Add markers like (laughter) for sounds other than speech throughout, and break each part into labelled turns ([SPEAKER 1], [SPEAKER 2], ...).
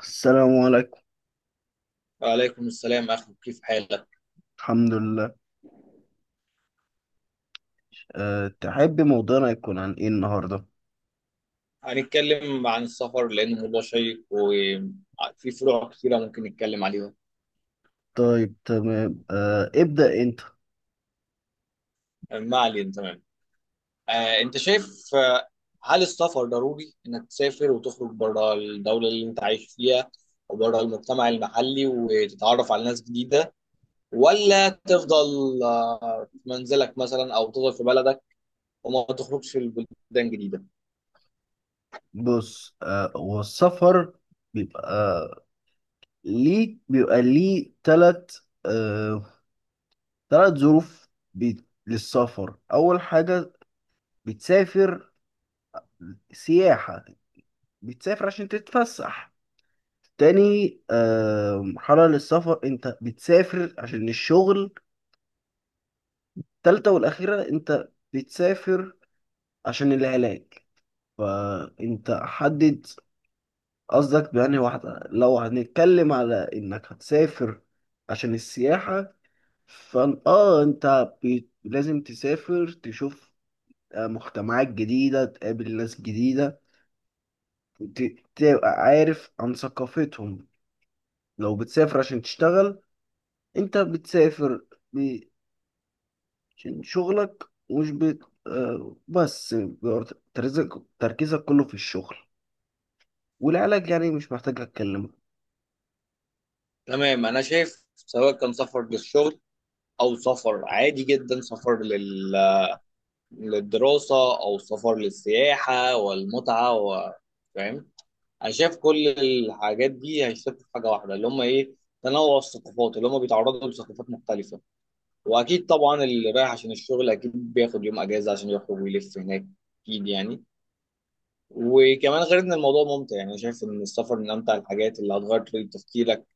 [SPEAKER 1] السلام عليكم.
[SPEAKER 2] وعليكم السلام أخي، كيف حالك؟
[SPEAKER 1] الحمد لله. تحب موضوعنا يكون عن ايه النهارده؟
[SPEAKER 2] هنتكلم عن السفر لأنه موضوع شيق وفي فروع كثيرة ممكن نتكلم عليها.
[SPEAKER 1] طيب، تمام. ابدأ انت.
[SPEAKER 2] ما علينا. تمام. أنت شايف هل السفر ضروري إنك تسافر وتخرج بره الدولة اللي أنت عايش فيها وبره المجتمع المحلي وتتعرف على ناس جديدة، ولا تفضل في منزلك مثلا، أو تفضل في بلدك وما تخرجش البلدان جديدة؟
[SPEAKER 1] بص، والسفر بيبقى ليه، بيبقى ليه تلت، تلت ظروف. للسفر اول حاجة بتسافر سياحة، بتسافر عشان تتفسح. تاني مرحلة للسفر انت بتسافر عشان الشغل. تالتة والاخيرة انت بتسافر عشان العلاج. فانت حدد قصدك بأنهي واحدة. لو هنتكلم على انك هتسافر عشان السياحة، فان انت لازم تسافر، تشوف مجتمعات جديدة، تقابل ناس جديدة، ت... تبقى عارف عن ثقافتهم. لو بتسافر عشان تشتغل، انت بتسافر ب- عشان شغلك، مش بت... بس بيبقى تركيزك تركيزك كله في الشغل. والعلاج يعني مش محتاج اتكلم.
[SPEAKER 2] تمام. أنا شايف سواء كان سفر للشغل أو سفر عادي جدا، سفر للدراسة، أو سفر للسياحة والمتعة فاهم؟ أنا شايف كل الحاجات دي هيشتغلوا في حاجة واحدة اللي هم إيه، تنوع الثقافات، اللي هم بيتعرضوا لثقافات مختلفة. وأكيد طبعا اللي رايح عشان الشغل أكيد بياخد يوم أجازة عشان يخرج ويلف هناك، أكيد يعني. وكمان غير إن الموضوع ممتع، يعني أنا شايف إن السفر من أمتع الحاجات اللي هتغير طريقة تفكيرك.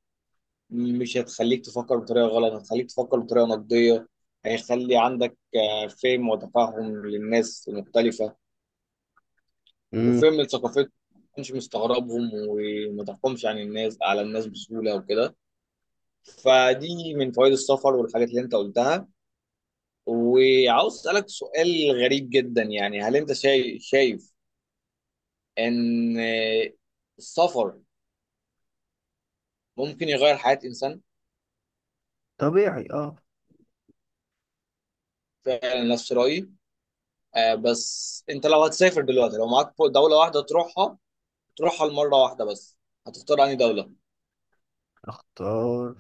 [SPEAKER 2] مش هتخليك تفكر بطريقة غلط، هتخليك تفكر بطريقة نقدية، هيخلي عندك فهم وتفهم للناس المختلفة وفهم ثقافتهم، ما تكونش مستغربهم وما تحكمش عن الناس على الناس بسهولة وكده. فدي من فوائد السفر والحاجات اللي انت قلتها. وعاوز اسألك سؤال غريب جدا، يعني هل انت شايف ان السفر ممكن يغير حياة انسان؟
[SPEAKER 1] طبيعي، اه.
[SPEAKER 2] فعلا نفس رأيي. بس انت لو هتسافر دلوقتي، لو معاك دولة واحدة تروحها، تروحها لمرة واحدة بس، هتختار انهي دولة؟
[SPEAKER 1] اختار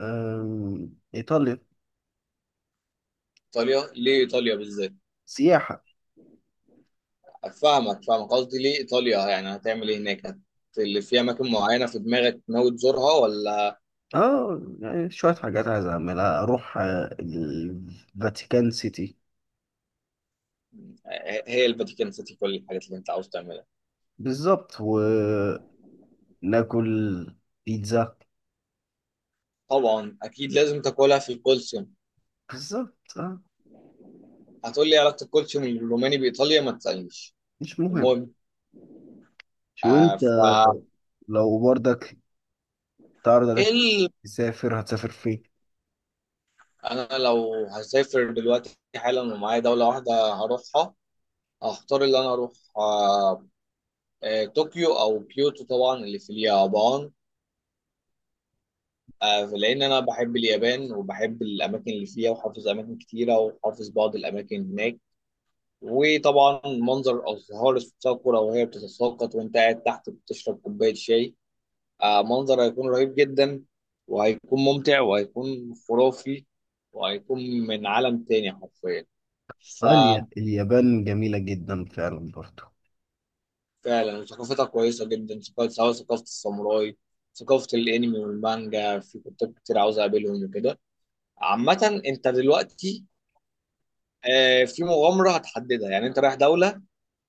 [SPEAKER 1] ايطاليا.
[SPEAKER 2] ايطاليا؟ ليه ايطاليا بالذات؟
[SPEAKER 1] سياحة.
[SPEAKER 2] فاهمك، قصدي ليه ايطاليا، يعني هتعمل ايه هناك؟ اللي في اماكن معينه في دماغك ناوي تزورها ولا؟
[SPEAKER 1] اه يعني شوية حاجات عايز اعملها، اروح الفاتيكان سيتي.
[SPEAKER 2] هي الفاتيكان سيتي كل الحاجات اللي انت عاوز تعملها؟
[SPEAKER 1] بالظبط، وناكل بيتزا.
[SPEAKER 2] طبعا اكيد لازم تاكلها في الكولسيوم.
[SPEAKER 1] بالظبط، اه.
[SPEAKER 2] هتقول لي علاقه الكولسيوم الروماني بايطاليا؟ ما تسالنيش.
[SPEAKER 1] مش مهم.
[SPEAKER 2] المهم.
[SPEAKER 1] شو
[SPEAKER 2] آه
[SPEAKER 1] انت،
[SPEAKER 2] ف
[SPEAKER 1] لو برضك تعرض
[SPEAKER 2] إيه
[SPEAKER 1] عليك
[SPEAKER 2] ال...
[SPEAKER 1] تسافر، هتسافر فين؟
[SPEAKER 2] انا لو هسافر دلوقتي حالا ومعايا دوله واحده هروحها، هختار اللي انا اروح طوكيو او كيوتو، طبعا اللي في اليابان. لان انا بحب اليابان وبحب الاماكن اللي فيها، وحافظ اماكن كتيره، وحافظ بعض الاماكن هناك. وطبعا منظر الازهار الصقرة وهي بتتساقط وانت قاعد تحت بتشرب كوبايه شاي، منظر هيكون رهيب جدا، وهيكون ممتع، وهيكون خرافي، وهيكون من عالم تاني حرفيا.
[SPEAKER 1] اه، اليابان جميلة جدا فعلا برضو.
[SPEAKER 2] ففعلا ثقافتها كويسه جدا، سواء ثقافه الساموراي، ثقافه الانمي والمانجا، في كتاب كتير عاوز اقابلهم وكده. عامة انت دلوقتي في مغامرة هتحددها، يعني انت رايح دولة،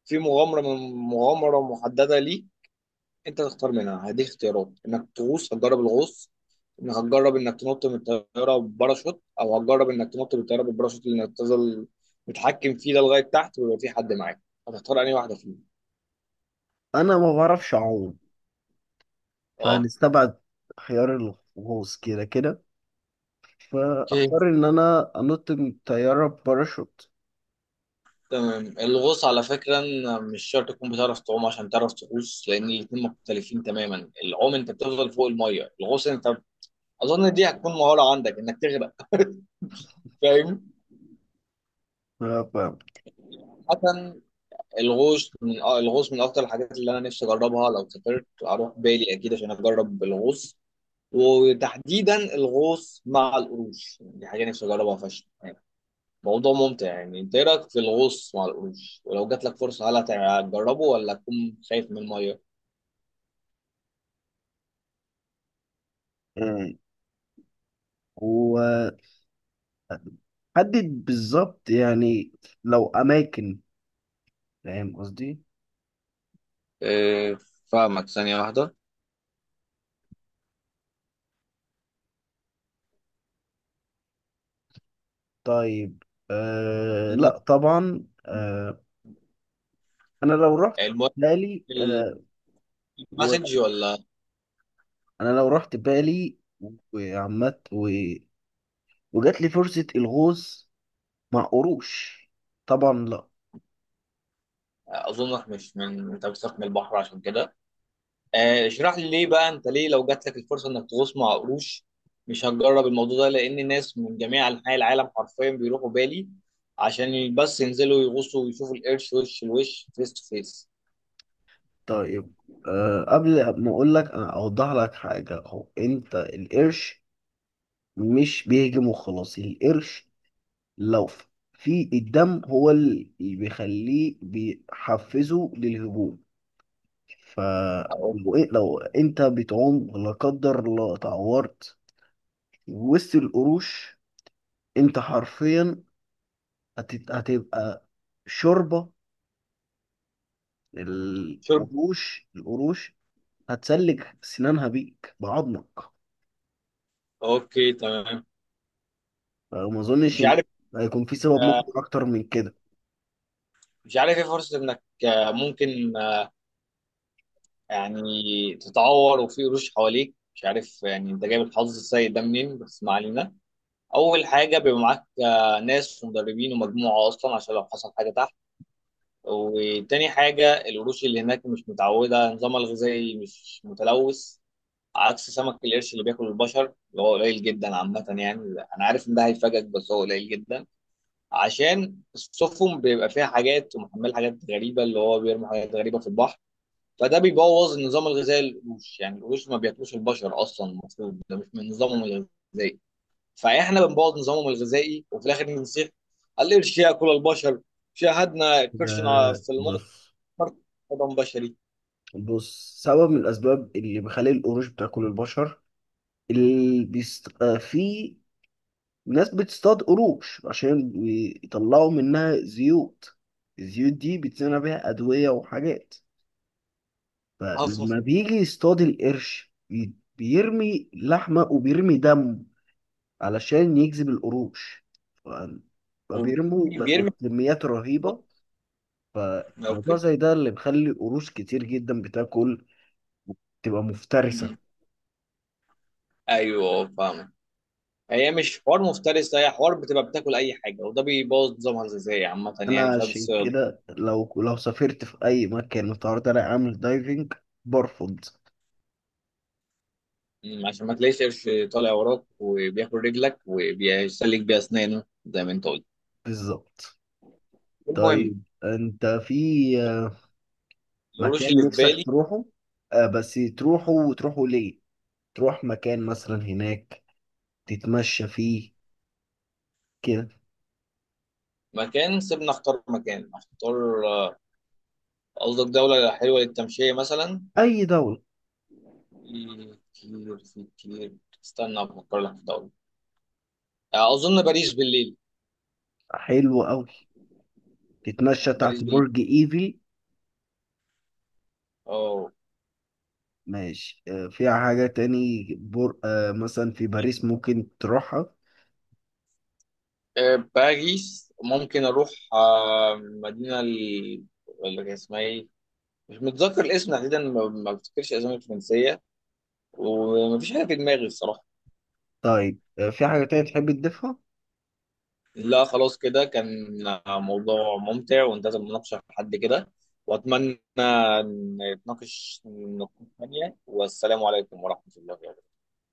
[SPEAKER 2] في مغامرة من مغامرة محددة ليك، انت تختار منها. هديك اختيارات انك تغوص، هتجرب الغوص، انك هتجرب انك تنط من الطيارة بباراشوت، او هتجرب انك تنط من الطيارة بالباراشوت اللي انك تفضل متحكم فيه ده لغاية تحت ويبقى في حد معاك. هتختار انهي واحدة فيهم؟
[SPEAKER 1] انا ما بعرفش اعوم،
[SPEAKER 2] اه.
[SPEAKER 1] فهنستبعد خيار الغوص كده كده.
[SPEAKER 2] اوكي،
[SPEAKER 1] فاختار ان انا انط من طياره باراشوت.
[SPEAKER 2] تمام. الغوص على فكرة إن مش شرط تكون بتعرف تعوم عشان تعرف تغوص، لأن الاتنين مختلفين تماما. العوم أنت بتفضل فوق المية، الغوص أنت أظن دي هتكون مهارة عندك إنك تغرق (laughs) فاهم؟
[SPEAKER 1] ف-
[SPEAKER 2] مثلا الغوص من الغوص من اكتر الحاجات اللي انا نفسي اجربها، لو سافرت اروح بالي اكيد عشان اجرب الغوص. وتحديدا الغوص مع القروش، يعني دي حاجه نفسي اجربها فشخ. موضوع ممتع يعني. انت إيه رايك في الغوص مع القروش؟ ولو جات لك فرصه هل هتجربه ولا تكون خايف من الميه؟
[SPEAKER 1] امم وحدد بالظبط يعني لو اماكن، فاهم قصدي؟
[SPEAKER 2] آه، فاهمك. ثانية واحدة.
[SPEAKER 1] طيب،
[SPEAKER 2] المهم.
[SPEAKER 1] لا طبعا. انا لو رحت
[SPEAKER 2] المهم.
[SPEAKER 1] بالي، وانا
[SPEAKER 2] المسج ولا؟
[SPEAKER 1] لو رحت بالي وعمت وجات لي فرصة الغوص مع قروش، طبعا لا.
[SPEAKER 2] اظنك مش من انت بتخاف من البحر عشان كده. اشرح لي ليه بقى، انت ليه لو جات لك الفرصه انك تغوص مع قروش مش هتجرب الموضوع ده؟ لان ناس من جميع انحاء العالم حرفيا بيروحوا بالي عشان بس ينزلوا يغوصوا ويشوفوا القرش وش لوش، فيس تو فيس.
[SPEAKER 1] طيب، قبل ما اقول لك انا اوضح لك حاجة. هو انت القرش مش بيهجم وخلاص. القرش لو في الدم هو اللي بيخليه، بيحفزه للهجوم.
[SPEAKER 2] اهو.
[SPEAKER 1] فلو لو انت بتعوم لا قدر الله اتعورت وسط القروش، انت حرفيا هتبقى شوربة
[SPEAKER 2] شرب.
[SPEAKER 1] القروش. القروش هتسلك سنانها بيك بعضمك.
[SPEAKER 2] اوكي، تمام.
[SPEAKER 1] فما اظنش
[SPEAKER 2] مش
[SPEAKER 1] ان
[SPEAKER 2] عارف.
[SPEAKER 1] هيكون في سبب
[SPEAKER 2] آه،
[SPEAKER 1] مقنع اكتر من كده.
[SPEAKER 2] مش عارف ايه فرصه انك ممكن يعني تتعور وفي قروش حواليك. مش عارف يعني انت جايب الحظ السيء ده منين، بس ما علينا. اول حاجه بيبقى معاك ناس ومدربين ومجموعه اصلا عشان لو حصل حاجه تحت. وتاني حاجة القروش اللي هناك مش متعودة، نظامها الغذائي مش متلوث، عكس سمك القرش اللي بياكل البشر اللي هو قليل جدا عامة يعني. أنا عارف إن ده هيفاجئك بس هو قليل جدا. عشان السفن بيبقى فيها حاجات ومحمل حاجات غريبة، اللي هو بيرمي حاجات غريبة في البحر، فده بيبوظ النظام الغذائي للقروش. يعني القروش ما بياكلوش البشر أصلا، المفروض ده مش من نظامهم الغذائي. فإحنا بنبوظ نظامهم الغذائي، وفي الآخر بنصيح القرش ياكل البشر، شاهدنا قرشنا في الماضي
[SPEAKER 1] بص،
[SPEAKER 2] حضن بشري.
[SPEAKER 1] بص، سبب من الأسباب اللي بيخلي القروش بتاكل البشر، اللي بيست... آه، في ناس بتصطاد قروش عشان يطلعوا منها زيوت. الزيوت دي بيتصنع بيها أدوية وحاجات.
[SPEAKER 2] عاصم.
[SPEAKER 1] فلما بيجي يصطاد القرش بيرمي لحمة وبيرمي دم علشان يجذب القروش. ف- فبيرموا
[SPEAKER 2] بيرمي.
[SPEAKER 1] وبكميات رهيبة. فالموضوع
[SPEAKER 2] اوكي.
[SPEAKER 1] زي ده اللي بيخلي قروش كتير جدا بتاكل، تبقى مفترسة.
[SPEAKER 2] مم. ايوه فاهم. هي مش حوار مفترس، هي حوار بتبقى بتاكل اي حاجه، وده بيبوظ نظامها الغذائي عامه
[SPEAKER 1] انا
[SPEAKER 2] يعني بسبب
[SPEAKER 1] عشان
[SPEAKER 2] الصياد.
[SPEAKER 1] كده لو لو سافرت في اي مكان متعرض عليا اعمل دايفنج، برفض.
[SPEAKER 2] مم، عشان ما تلاقيش قرش طالع وراك وبياكل رجلك وبيسلك بيها اسنانه زي ما انت قلت.
[SPEAKER 1] بالظبط.
[SPEAKER 2] المهم.
[SPEAKER 1] طيب انت في
[SPEAKER 2] القروش
[SPEAKER 1] مكان
[SPEAKER 2] اللي في
[SPEAKER 1] نفسك
[SPEAKER 2] بالي.
[SPEAKER 1] تروحه، بس تروحه وتروحه ليه؟ تروح مكان مثلا هناك تتمشى فيه كده.
[SPEAKER 2] مكان؟ سيبنا اختار مكان. اختار قصدك دوله حلوه للتمشيه مثلا؟
[SPEAKER 1] اي دولة.
[SPEAKER 2] في كتير، في كتير. استنى افكر لك في دوله. اظن باريس بالليل.
[SPEAKER 1] حلوة قوي، تتمشى
[SPEAKER 2] باريس
[SPEAKER 1] تحت
[SPEAKER 2] بال
[SPEAKER 1] برج ايفل.
[SPEAKER 2] اه.
[SPEAKER 1] ماشي، فيها حاجة تاني بر... آه، مثلا في باريس ممكن تروحها.
[SPEAKER 2] باريس ممكن اروح اللي اسمها ايه، مش متذكر الاسم تحديدا، ما بفتكرش اسامي فرنسيه، ومفيش حاجه في دماغي الصراحه.
[SPEAKER 1] طيب، في حاجة تانية تحب تضيفها؟
[SPEAKER 2] لا، خلاص كده كان موضوع ممتع. وانتهت المناقشه لحد كده، واتمنى نتناقش في نقاش ثانيه. والسلام عليكم ورحمه الله وبركاته.